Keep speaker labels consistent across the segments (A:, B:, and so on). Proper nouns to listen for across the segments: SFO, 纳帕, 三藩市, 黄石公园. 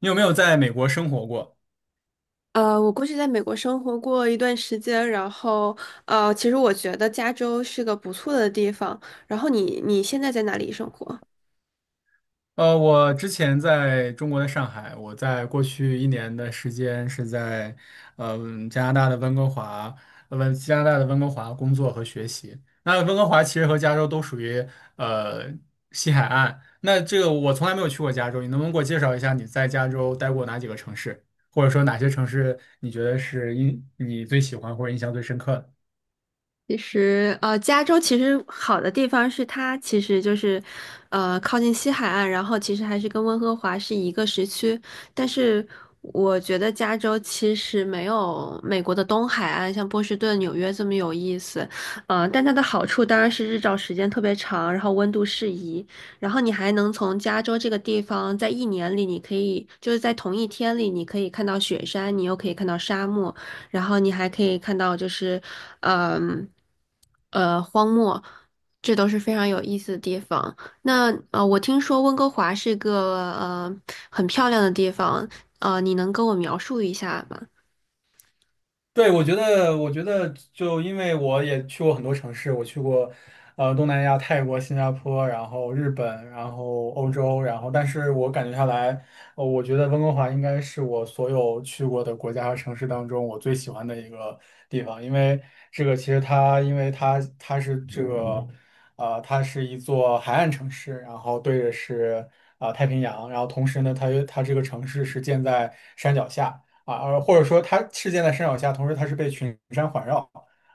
A: 你有没有在美国生活过？
B: 我过去在美国生活过一段时间，然后其实我觉得加州是个不错的地方。然后你现在在哪里生活？
A: 我之前在中国的上海，我在过去一年的时间是在，加拿大的温哥华，加拿大的温哥华工作和学习。那温哥华其实和加州都属于呃西海岸。那这个我从来没有去过加州，你能不能给我介绍一下你在加州待过哪几个城市，或者说哪些城市你觉得是你最喜欢或者印象最深刻的？
B: 其实，加州其实好的地方是它其实就是，靠近西海岸，然后其实还是跟温哥华是一个时区。但是我觉得加州其实没有美国的东海岸，像波士顿、纽约这么有意思。但它的好处当然是日照时间特别长，然后温度适宜，然后你还能从加州这个地方在一年里，你可以就是在同一天里，你可以看到雪山，你又可以看到沙漠。然后你还可以看到就是，嗯，荒漠，这都是非常有意思的地方。那我听说温哥华是个很漂亮的地方，你能跟我描述一下吗？
A: 对，我觉得，就因为我也去过很多城市，我去过，东南亚、泰国、新加坡，然后日本，然后欧洲，然后，但是我感觉下来，我觉得温哥华应该是我所有去过的国家和城市当中我最喜欢的一个地方，因为这个其实它，因为它它是这个，呃，它是一座海岸城市，然后对着是太平洋，然后同时呢，它这个城市是建在山脚下。或者说它事件的山脚下，同时它是被群山环绕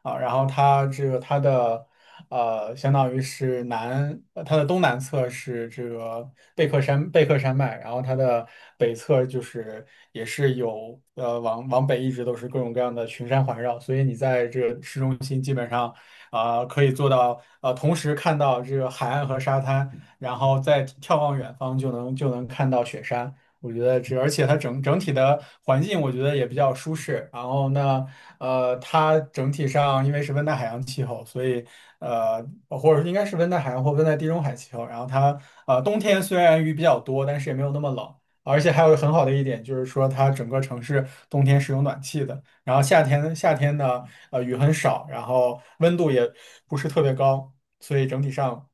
A: 然后它这个它的相当于是它的东南侧是这个贝克山脉，然后它的北侧就是也是有往北一直都是各种各样的群山环绕，所以你在这个市中心基本上可以做到同时看到这个海岸和沙滩，然后再眺望远方就能看到雪山。我觉得这，而且它整体的环境，我觉得也比较舒适。然后呢，它整体上因为是温带海洋气候，所以呃，或者应该是温带海洋或温带地中海气候。然后它冬天虽然雨比较多，但是也没有那么冷。而且还有很好的一点就是说，它整个城市冬天是有暖气的。然后夏天呢，雨很少，然后温度也不是特别高，所以整体上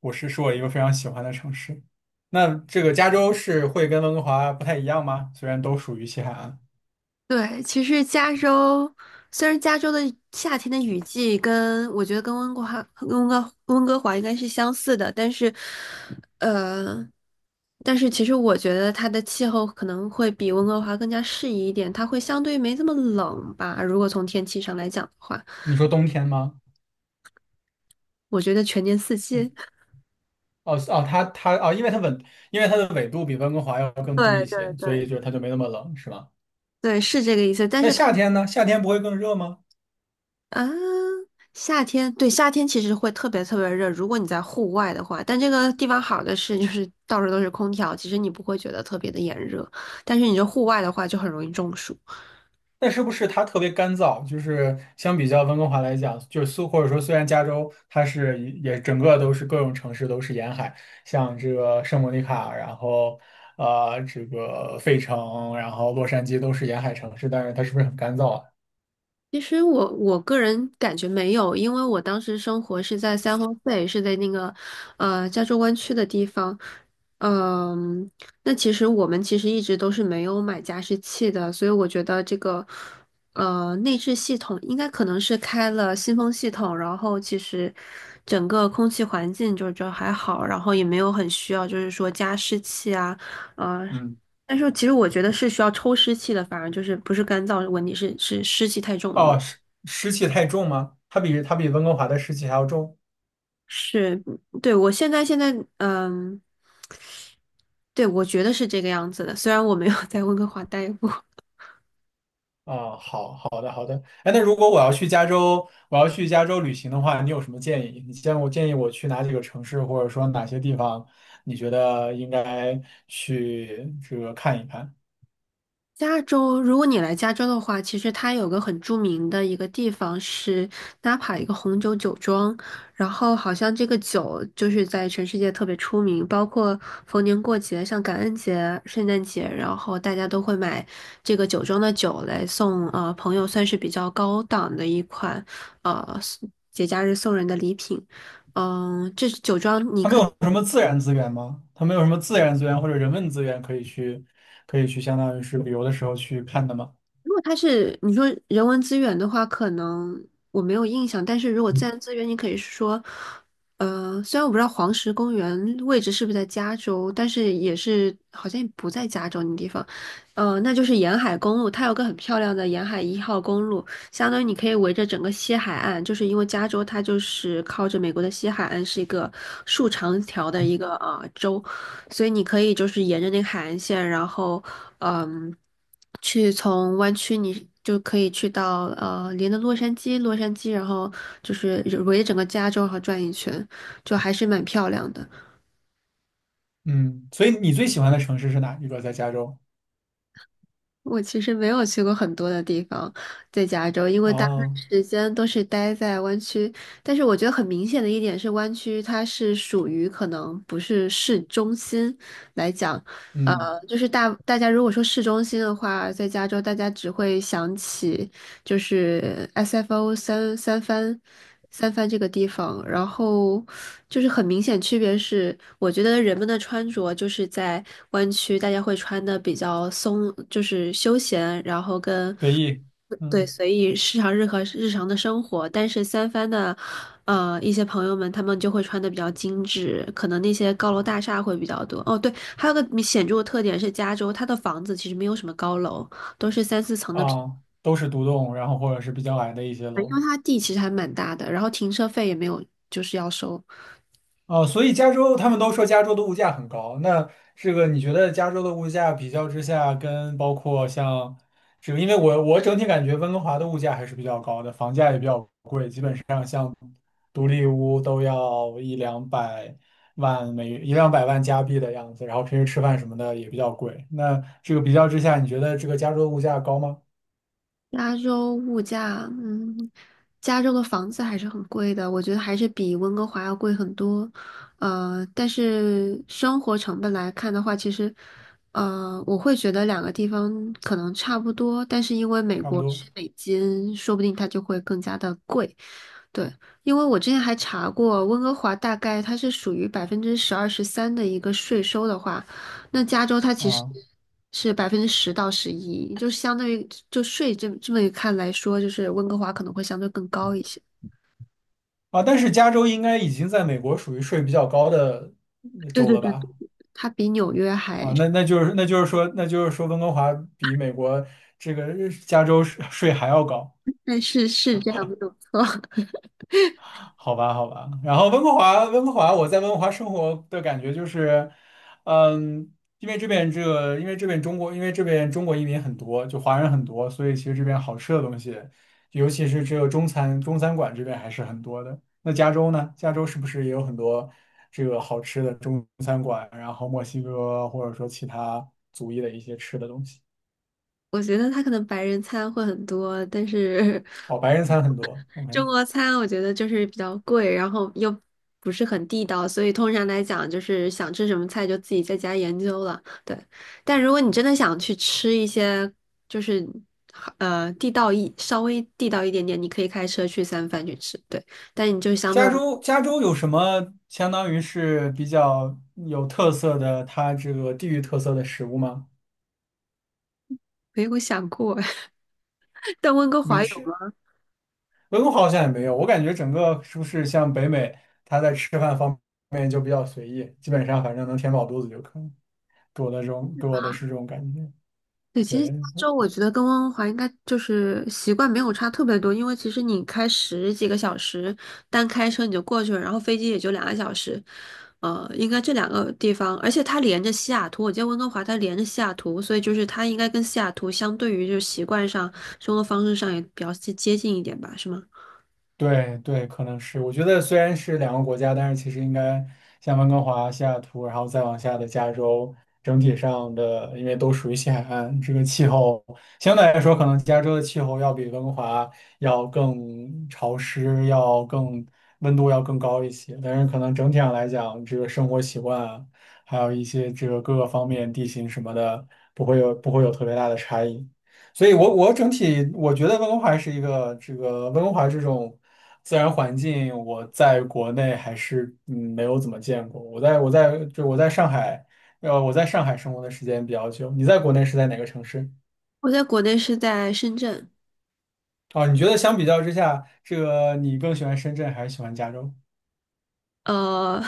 A: 我是是我一个非常喜欢的城市。那这个加州是会跟温哥华不太一样吗？虽然都属于西海岸，
B: 对，其实加州虽然加州的夏天的雨季跟我觉得跟温哥华、跟温哥华应该是相似的，但是，呃，但是其实我觉得它的气候可能会比温哥华更加适宜一点，它会相对没这么冷吧。如果从天气上来讲的话，
A: 你说冬天吗？
B: 我觉得全年四季。
A: 嗯，哦哦，它它哦，因为它的纬度比温哥华要更低一
B: 对对
A: 些，所以
B: 对，
A: 就它就没那么冷，是吗？
B: 对，是这个意思。但
A: 那
B: 是同
A: 夏天呢？夏天不会更热吗？
B: 啊，夏天，对，夏天其实会特别特别热，如果你在户外的话，但这个地方好的是，就是到处都是空调，其实你不会觉得特别的炎热，但是你这户外的话就很容易中暑。
A: 那是不是它特别干燥？就是相比较温哥华来讲，就是苏或者说虽然加州它是也整个都是各种城市都是沿海，像这个圣莫尼卡，然后这个费城，然后洛杉矶都是沿海城市，但是它是不是很干燥啊？
B: 其实我个人感觉没有，因为我当时生活是在三藩市，是在那个加州湾区的地方。嗯，那其实我们其实一直都是没有买加湿器的，所以我觉得这个内置系统应该可能是开了新风系统，然后其实整个空气环境就还好，然后也没有很需要就是说加湿器啊，呃。
A: 嗯，
B: 但是其实我觉得是需要抽湿器的，反而就是不是干燥问题，是湿气太重的问
A: 哦，
B: 题
A: 湿气太重吗？它比温哥华的湿气还要重。
B: 是，对，我现在，嗯，对，我觉得是这个样子的。虽然我没有 在温哥华待过，
A: 哦，好的。哎，那如果我要去加州，我要去加州旅行的话，你有什么建议？我建议我去哪几个城市，或者说哪些地方，你觉得应该去这个看一看？
B: 加州，如果你来加州的话，其实它有个很著名的一个地方是纳帕一个红酒酒庄，然后好像这个酒就是在全世界特别出名，包括逢年过节，像感恩节、圣诞节，然后大家都会买这个酒庄的酒来送朋友，算是比较高档的一款呃节假日送人的礼品。这酒庄你
A: 他们
B: 可以。
A: 有什么自然资源吗？他们有什么自然资源或者人文资源可以去相当于是旅游的时候去看的吗？
B: 如果它是你说人文资源的话，可能我没有印象。但是如果自然资源，你可以说，虽然我不知道黄石公园位置是不是在加州，但是也是好像也不在加州那地方，那就是沿海公路，它有个很漂亮的沿海1号公路，相当于你可以围着整个西海岸，就是因为加州它就是靠着美国的西海岸是一个竖长条的一个州，所以你可以就是沿着那个海岸线，然后。嗯，去从湾区你就可以去到连着洛杉矶，然后就是围着整个加州然后转一圈，就还是蛮漂亮的。
A: 嗯，所以你最喜欢的城市是哪一个？在加州？
B: 我其实没有去过很多的地方，在加州，因为大部分
A: 哦，
B: 时间都是待在湾区。但是我觉得很明显的一点是，湾区它是属于可能不是市中心来讲，呃，
A: 嗯，
B: 就是大家如果说市中心的话，在加州大家只会想起。就是 SFO 三番这个地方，然后就是很明显区别是，我觉得人们的穿着就是在湾区大家会穿的比较松，就是休闲，然后跟
A: 随意。
B: 对
A: 嗯。
B: 随意日常日和日常的生活，但是三番的一些朋友们他们就会穿的比较精致，可能那些高楼大厦会比较多。哦，对，还有个显著的特点是加州它的房子其实没有什么高楼，都是三四层的。
A: 啊，都是独栋，然后或者是比较矮的一些
B: 因
A: 楼。
B: 为它地其实还蛮大的，然后停车费也没有，就是要收。
A: 哦，所以加州他们都说加州的物价很高，那这个你觉得加州的物价比较之下，跟包括像这个，因为我整体感觉温哥华的物价还是比较高的，房价也比较贵，就独立屋都要一两百万加币的样子，然后平时吃饭什么的也比较贵。那这个比较之下，你觉得这个加州的物价高吗？
B: 加州物价，嗯，加州的房子还是很贵的，我觉得还是比温哥华要贵很多。但是生活成本来看的话，其实，我会觉得两个地方可能差不多，但是因为美
A: 差不
B: 国是
A: 多
B: 美金，说不定它就会更加的贵。对，因为我之前还查过，温哥华大概它是属于百分之十二十三的一个税收的话，那加州它其实
A: 啊。
B: 是10%到11%，就相当于就税这么一看来说，就是温哥华可能会相对更高一些。
A: 啊，但是加州应该已经在美国属于税比较高的
B: 对
A: 州
B: 对
A: 了
B: 对对，
A: 吧？
B: 对它比纽约还，
A: 啊，那就是说温哥华比美国这个加州税还要高
B: 但是是这样没有错。
A: 好吧，好吧。然后温哥华，我在温哥华生活的感觉就是，嗯，因为这边这个，因为这边中国，因为这边中国移民很多，就华人很多，所以其实这边好吃的东西，尤其是这个中餐馆这边还是很多的。那加州呢？加州是不是也有很多这个好吃的中餐馆？然后墨西哥或者说其他族裔的一些吃的东西？
B: 我觉得他可能白人餐会很多，但是
A: 哦，白人餐很 多。OK。
B: 中国餐我觉得就是比较贵，然后又不是很地道，所以通常来讲就是想吃什么菜就自己在家研究了。对，但如果你真的想去吃一些就是地道一稍微地道一点点，你可以开车去三藩去吃。对，但你就相对
A: 加州有什么相当于是比较有特色的，它这个地域特色的食物吗？
B: 没有想过，但温哥
A: 没
B: 华有
A: 吃，
B: 吗？
A: 温哥华好像也没有。我感觉整个是不是像北美，它在吃饭方面就比较随意，基本上反正能填饱肚子就可以，给我的是这种感觉。
B: 对，其实
A: 对，
B: 加州我觉得跟温哥华应该就是习惯没有差特别多，因为其实你开十几个小时，单开车你就过去了，然后飞机也就2个小时，应该这两个地方，而且它连着西雅图，我记得温哥华它连着西雅图，所以就是它应该跟西雅图相对于就是习惯上、生活方式上也比较接近一点吧，是吗？
A: 对对，可能是。我觉得虽然是两个国家，但是其实应该像温哥华、西雅图，然后再往下的加州，整体上的因为都属于西海岸，这个气候相对来说，可能加州的气候要比温哥华要更潮湿，要更温度要更高一些。但是可能整体上来讲，这个生活习惯啊，还有一些这个各个方面地形什么的，不会有特别大的差异。所以我整体我觉得温哥华是一个这个温哥华这种自然环境，我在国内还是没有怎么见过。我在上海，我在上海生活的时间比较久。你在国内是在哪个城市？
B: 我在国内是在深圳，
A: 啊，你觉得相比较之下，这个你更喜欢深圳还是喜欢加州？
B: 呃，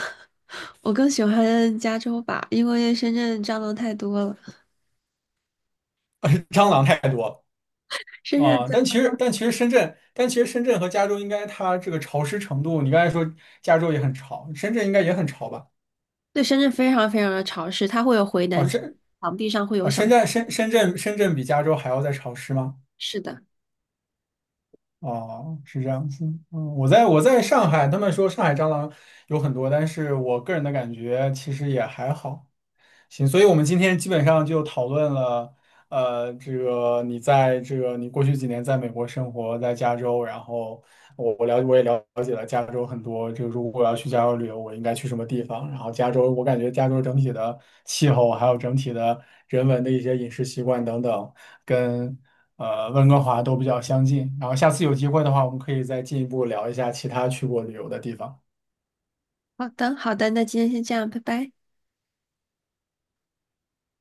B: 我更喜欢加州吧，因为深圳蟑螂太多了。
A: 蟑螂太多
B: 深
A: 了啊！
B: 圳
A: 但其实深圳和加州应该它这个潮湿程度，你刚才说加州也很潮，深圳应该也很潮吧？
B: 对，深圳非常非常的潮湿，它会有回南
A: 啊，
B: 天，
A: 深
B: 墙壁上会有
A: 啊，
B: 小
A: 深圳比加州还要再潮湿吗？
B: 是的。
A: 哦，是这样子。嗯，我在上海，他们说上海蟑螂有很多，但是我个人的感觉其实也还好。行，所以我们今天基本上就讨论了，你过去几年在美国生活，在加州，然后我也了解了加州很多，就如果我要去加州旅游，我应该去什么地方？然后加州，我感觉加州整体的气候，还有整体的人文的一些饮食习惯等等，跟温哥华都比较相近。然后下次有机会的话，我们可以再进一步聊一下其他去过旅游的地方。
B: 好的，好的，那今天先这样，拜拜。